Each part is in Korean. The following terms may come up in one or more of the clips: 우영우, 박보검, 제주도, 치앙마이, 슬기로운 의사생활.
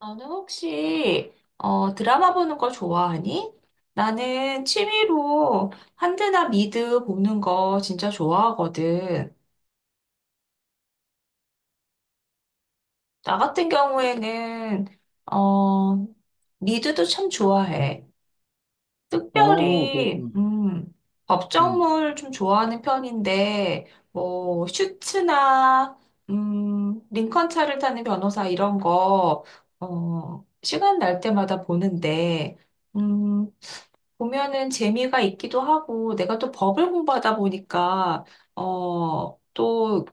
너는 혹시 드라마 보는 거 좋아하니? 나는 취미로 한드나 미드 보는 거 진짜 좋아하거든. 나 같은 경우에는 어, 미드도 참 좋아해. 어, 특별히 그렇구나. 음. 법정물 좀 좋아하는 편인데 뭐 슈츠나 링컨 차를 타는 변호사 이런 거 시간 날 때마다 보는데. 음, 보면은 재미가 있기도 하고, 내가 또 법을 공부하다 보니까, 또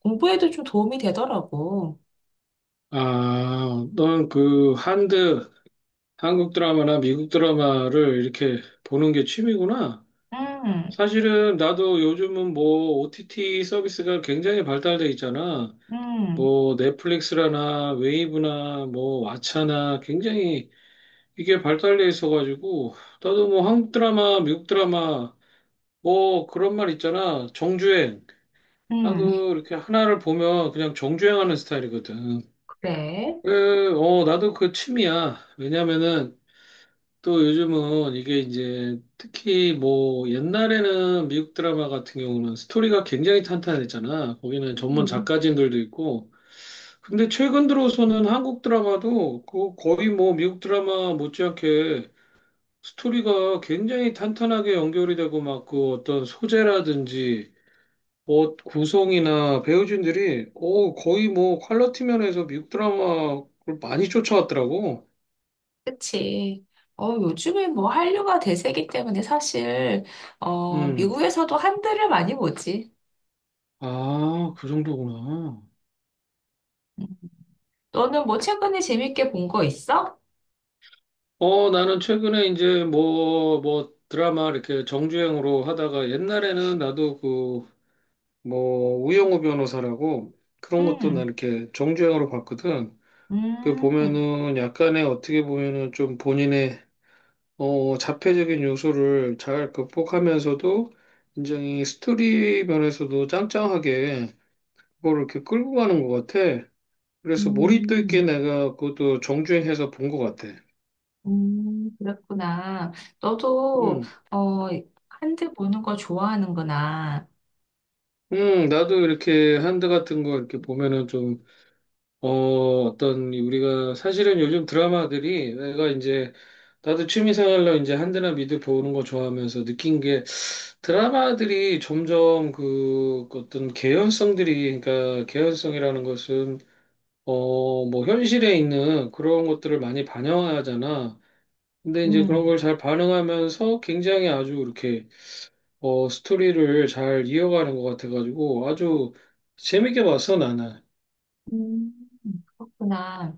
공부에도 좀 도움이 되더라고. 아, 넌 그 한드, 한국 드라마나 미국 드라마를 이렇게 보는 게 취미구나. 음, 사실은 나도 요즘은 뭐 OTT 서비스가 굉장히 발달돼 있잖아. 음, 뭐 넷플릭스라나 웨이브나 뭐 왓챠나 굉장히 이게 발달돼 있어가지고 나도 뭐 한국 드라마, 미국 드라마 뭐 그런 말 있잖아. 정주행. 음, 나도 이렇게 하나를 보면 그냥 정주행하는 스타일이거든. 그래. 나도 그 취미야. 왜냐면은 또 요즘은 이게 이제 특히 뭐 옛날에는 미국 드라마 같은 경우는 스토리가 굉장히 탄탄했잖아. 거기는 전문 음, 작가진들도 있고. 근데 최근 들어서는 한국 드라마도 그 거의 뭐 미국 드라마 못지않게 스토리가 굉장히 탄탄하게 연결이 되고 막 그 어떤 소재라든지 뭐 구성이나 배우진들이 거의 뭐 퀄리티 면에서 미국 드라마를 많이 쫓아왔더라고. 그치. 어, 요즘에 뭐 한류가 대세기 때문에 사실, 음. 미국에서도 한글을 많이 보지. 아, 그 정도구나. 음. 너는 뭐 최근에 재밌게 본 거 있어? 나는 최근에 이제 뭐 드라마 이렇게 정주행으로 하다가 옛날에는 나도 우영우 변호사라고 그런 것도 나 음, 이렇게 정주행으로 봤거든. 그 음, 보면은 약간의 어떻게 보면은 좀 본인의 자폐적인 요소를 잘 극복하면서도 굉장히 스토리 면에서도 짱짱하게 그걸 이렇게 끌고 가는 것 같아. 그래서 몰입도 있게 음. 내가 그것도 정주행해서 본 것 같아. 그랬구나. 너도, 음, 어, 한드 보는 거 좋아하는구나. 나도 이렇게 한드 같은 거 이렇게 보면은 좀, 어, 이 우리가 사실은 요즘 드라마들이 내가 이제, 나도 취미생활로 이제 한드나 미드 보는 거 좋아하면서 느낀 게 드라마들이 점점 그 어떤 개연성들이, 그러니까 개연성이라는 것은, 뭐 현실에 있는 그런 것들을 많이 반영하잖아. 근데 이제 그런 음, 걸 잘 반영하면서 굉장히 아주 이렇게 스토리를 잘 이어가는 것 같아가지고 아주 재밌게 봤어, 나는. 음, 그렇구나.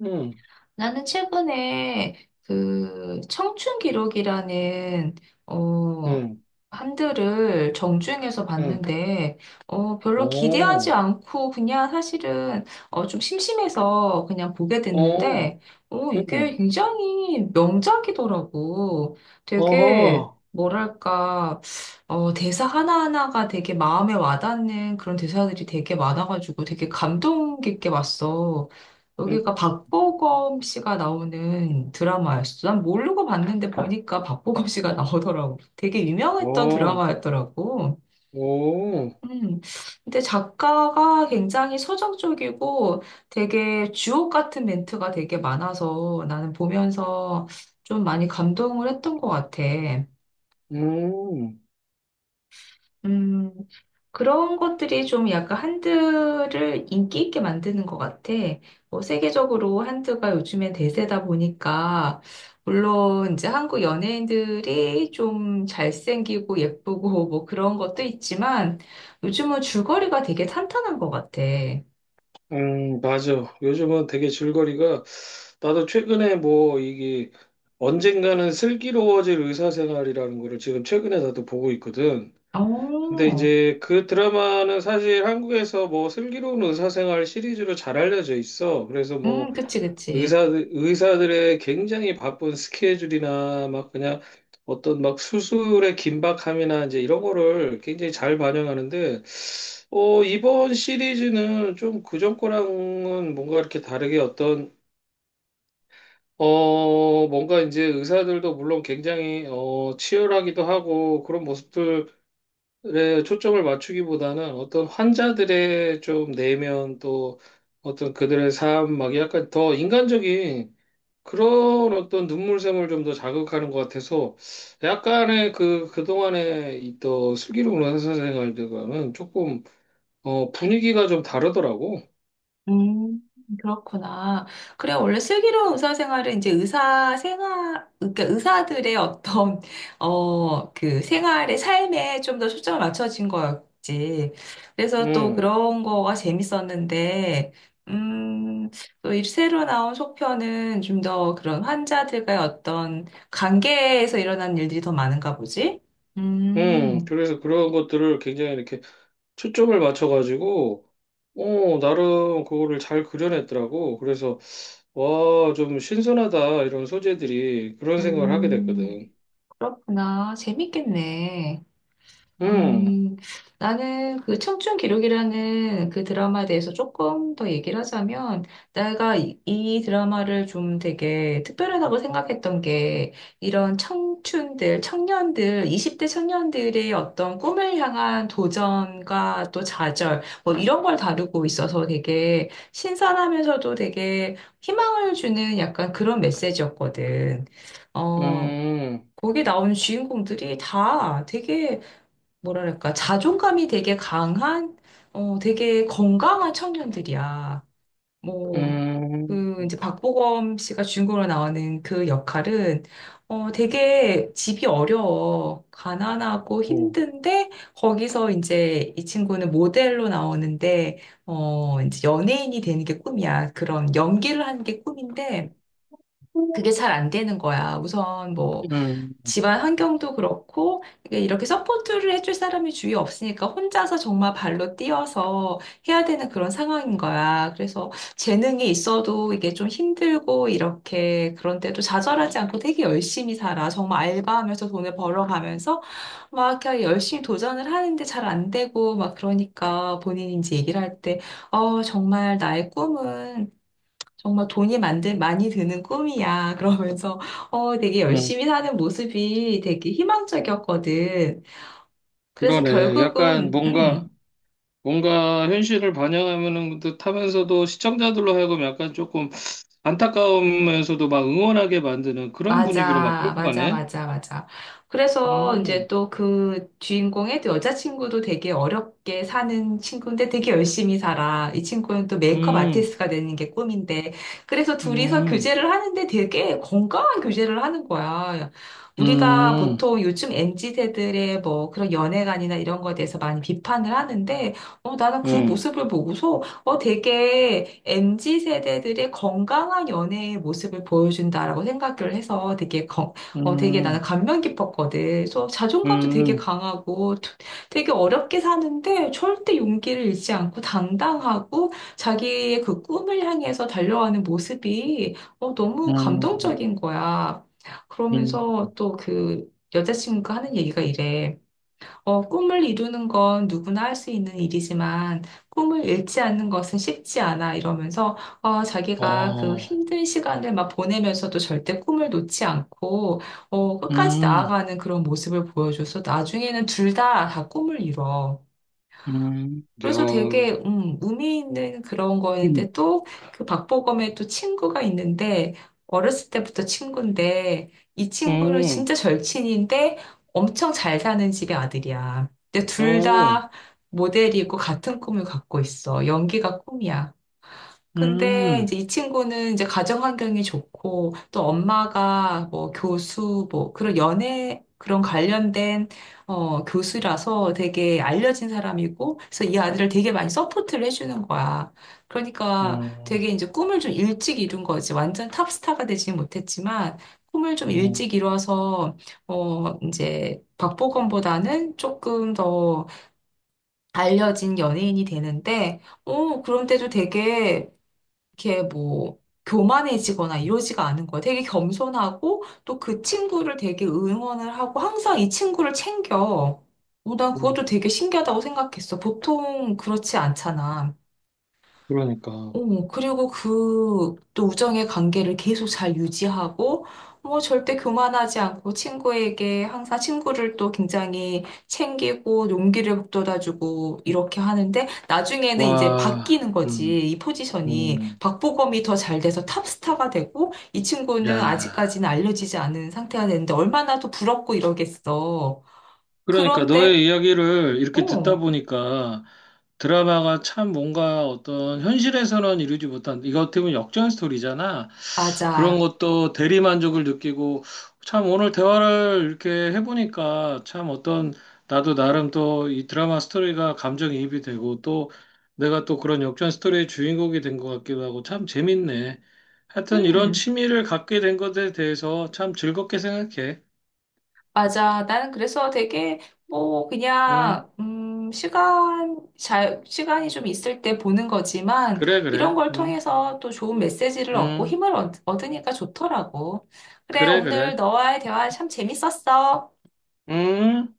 응, 나는 최근에 그 청춘 기록이라는 어 응, 한들을 정주행해서 응. 봤는데 별로 기대하지 어, 않고 그냥 사실은 좀 심심해서 그냥 보게 어, 됐는데 이게 응. 굉장히 명작이더라고. 어허, 되게 뭐랄까 대사 하나하나가 되게 마음에 와닿는 그런 대사들이 되게 많아가지고 되게 감동 깊게 봤어. 응, 여기가 박보검 씨가 나오는 드라마였어. 난 모르고 봤는데 보니까 박보검 씨가 나오더라고. 되게 유명했던 어, 드라마였더라고. 오, 음. 근데 작가가 굉장히 서정적이고 되게 주옥 같은 멘트가 되게 많아서 나는 보면서 좀 많이 감동을 했던 것 같아. 음, 음. 그런 것들이 좀 약간 한드를 인기 있게 만드는 것 같아. 뭐 세계적으로 한드가 요즘에 대세다 보니까, 물론 이제 한국 연예인들이 좀 잘생기고 예쁘고 뭐 그런 것도 있지만, 요즘은 줄거리가 되게 탄탄한 것 같아. 맞아. 요즘은 되게 줄거리가 나도 최근에 뭐 이게 언젠가는 슬기로워질 의사생활이라는 거를 지금 최근에 나도 보고 있거든. 근데 어, 이제 그 드라마는 사실 한국에서 뭐 슬기로운 의사생활 시리즈로 잘 알려져 있어. 그래서 뭐 그치, 그치. 의사들의 굉장히 바쁜 스케줄이나 막 그냥 어떤 막 수술의 긴박함이나 이제 이런 거를 굉장히 잘 반영하는데, 이번 시리즈는 좀 그전 거랑은 뭔가 이렇게 다르게 뭔가 이제 의사들도 물론 굉장히 치열하기도 하고 그런 모습들 에 초점을 맞추기보다는 어떤 환자들의 좀 내면 또 어떤 그들의 삶, 막 약간 더 인간적인 그런 어떤 눈물샘을 좀 더 자극하는 것 같아서 약간의 그동안에 있던 슬기로운 의사 생활들과는 조금, 분위기가 좀 다르더라고. 음, 그렇구나. 그래, 원래 슬기로운 의사생활은 이제 의사 생활, 그러니까 의사들의 어떤, 그 생활의 삶에 좀 더 초점을 맞춰진 거였지. 그래서 또 음, 그런 거가 재밌었는데, 음, 또 이 새로 나온 속편은 좀 더 그런 환자들과의 어떤 관계에서 일어난 일들이 더 많은가 보지? 음, 그래서 그런 것들을 굉장히 이렇게 초점을 맞춰가지고, 나름 그거를 잘 그려냈더라고. 그래서 와, 좀 신선하다, 이런 소재들이. 그런 생각을 하게 음, 됐거든. 그렇구나. 재밌겠네. 음, 음, 나는 그 청춘 기록이라는 그 드라마에 대해서 조금 더 얘기를 하자면, 내가 이 드라마를 좀 되게 특별하다고 생각했던 게, 이런 청춘들, 청년들, 20대 청년들의 어떤 꿈을 향한 도전과 또 좌절, 뭐 이런 걸 다루고 있어서 되게 신선하면서도 되게 희망을 주는 약간 그런 메시지였거든. 어, 음, 거기 나오는 주인공들이 다 되게 뭐랄까, 자존감이 되게 강한, 되게 건강한 청년들이야. 뭐, 음, 그, 이제 박보검 씨가 주인공으로 나오는 그 역할은, 되게 집이 어려워. 가난하고 오, 힘든데, 거기서 이제 이 친구는 모델로 나오는데, 이제 연예인이 되는 게 꿈이야. 그런 연기를 하는 게 꿈인데, 그게 잘 안 되는 거야. 우선 뭐, 음, 집안 환경도 그렇고 이게 이렇게 서포트를 해줄 사람이 주위에 없으니까 혼자서 정말 발로 뛰어서 해야 되는 그런 상황인 거야. 그래서 재능이 있어도 이게 좀 힘들고 이렇게 그런데도 좌절하지 않고 되게 열심히 살아. 정말 알바하면서 돈을 벌어가면서 막 이렇게 열심히 도전을 하는데 잘 안 되고 막 그러니까 본인이 이제 얘기를 할 때, 정말 나의 꿈은 정말 돈이 만든 많이 드는 꿈이야. 그러면서 되게 음. 열심히 사는 모습이 되게 희망적이었거든. 그래서 그러네. 약간 결국은 뭔가, 뭔가 현실을 반영하는 듯하면서도 시청자들로 하여금 약간 조금 안타까우면서도 막 응원하게 만드는 그런 분위기로 막 맞아, 끌고 맞아, 가네. 맞아, 맞아. 그래서 이제 음, 또 그 주인공의 또 여자친구도 되게 어렵게 사는 친구인데 되게 열심히 살아. 이 친구는 또 메이크업 음, 아티스트가 되는 게 꿈인데. 그래서 둘이서 음, 교제를 하는데 되게 건강한 교제를 하는 거야. 우리가 음, 보통 요즘 m 지세들의 뭐 그런 연애관이나 이런 거에 대해서 많이 비판을 하는데, 나는 그 음, 모습을 보고서 되게 MZ 세대들의 건강한 연애의 모습을 보여준다라고 생각을 해서 되게 나는 음, 감명 깊었거든. 그래서 자존감도 되게 음, 강하고 되게 어렵게 사는데 절대 용기를 잃지 않고 당당하고 자기의 그 꿈을 향해서 달려가는 모습이 너무 음, 감동적인 거야. 음. 그러면서 또 그 여자친구가 하는 얘기가 이래. 꿈을 이루는 건 누구나 할 수 있는 일이지만 꿈을 잃지 않는 것은 쉽지 않아 이러면서 자기가 그 어, 힘든 시간을 막 보내면서도 절대 꿈을 놓지 않고 끝까지 음, 나아가는 그런 모습을 보여줘서 나중에는 둘 다 다 꿈을 이뤄. 야, 그래서 되게 의미 있는 그런 거였는데 또 그 박보검의 또 친구가 있는데 어렸을 때부터 친구인데 이 친구는 음, 진짜 절친인데 엄청 잘 사는 집의 아들이야. 근데 둘 음, 다 모델이고 같은 꿈을 갖고 있어. 연기가 꿈이야. 근데 음, 이제 이 친구는 이제 가정 환경이 좋고 또 엄마가 뭐 교수 뭐 그런 연애 그런 관련된 교수라서 되게 알려진 사람이고 그래서 이 아들을 되게 많이 서포트를 해주는 거야. 그러니까 되게 음, 이제 꿈을 좀 일찍 이룬 거지. 완전 탑스타가 되지는 못했지만 꿈을 좀 음, 일찍 이뤄서 이제 박보검보다는 조금 더 알려진 연예인이 되는데 그런데도 되게 이렇게 뭐 교만해지거나 이러지가 않은 거야. 되게 겸손하고 또 그 친구를 되게 응원을 하고 항상 이 친구를 챙겨. 난 음. 그것도 되게 신기하다고 생각했어. 보통 그렇지 않잖아. 그러니까. 그리고 그 또 우정의 관계를 계속 잘 유지하고, 뭐 절대 교만하지 않고 친구에게 항상 친구를 또 굉장히 챙기고 용기를 북돋아주고 이렇게 하는데 나중에는 이제 와, 바뀌는 거지. 이 포지션이 음, 박보검이 더 잘 돼서 탑스타가 되고 이 친구는 야. 아직까지는 알려지지 않은 상태가 되는데 얼마나 더 부럽고 이러겠어. 그러니까 그런데 너의 이야기를 이렇게 듣다 어, 보니까 드라마가 참 뭔가 어떤 현실에서는 이루지 못한, 이거 어떻게 보면 역전 스토리잖아. 그런 맞아. 것도 대리만족을 느끼고 참 오늘 대화를 이렇게 해보니까 참 어떤 나도 나름 또 이 드라마 스토리가 감정이입이 되고 또 내가 또 그런 역전 스토리의 주인공이 된 것 같기도 하고 참 재밌네. 하여튼 이런 음. 취미를 갖게 된 것에 대해서 참 즐겁게 생각해. 맞아. 나는 그래서 되게 뭐 응, 그냥 시간 잘 시간이 좀 있을 때 보는 거지만 그래, 이런 그래. 걸 응, 통해서 또 좋은 메시지를 얻고 응. 얻으니까 좋더라고. 그래, 그래, 오늘 그래. 너와의 대화 참 재밌었어. 음.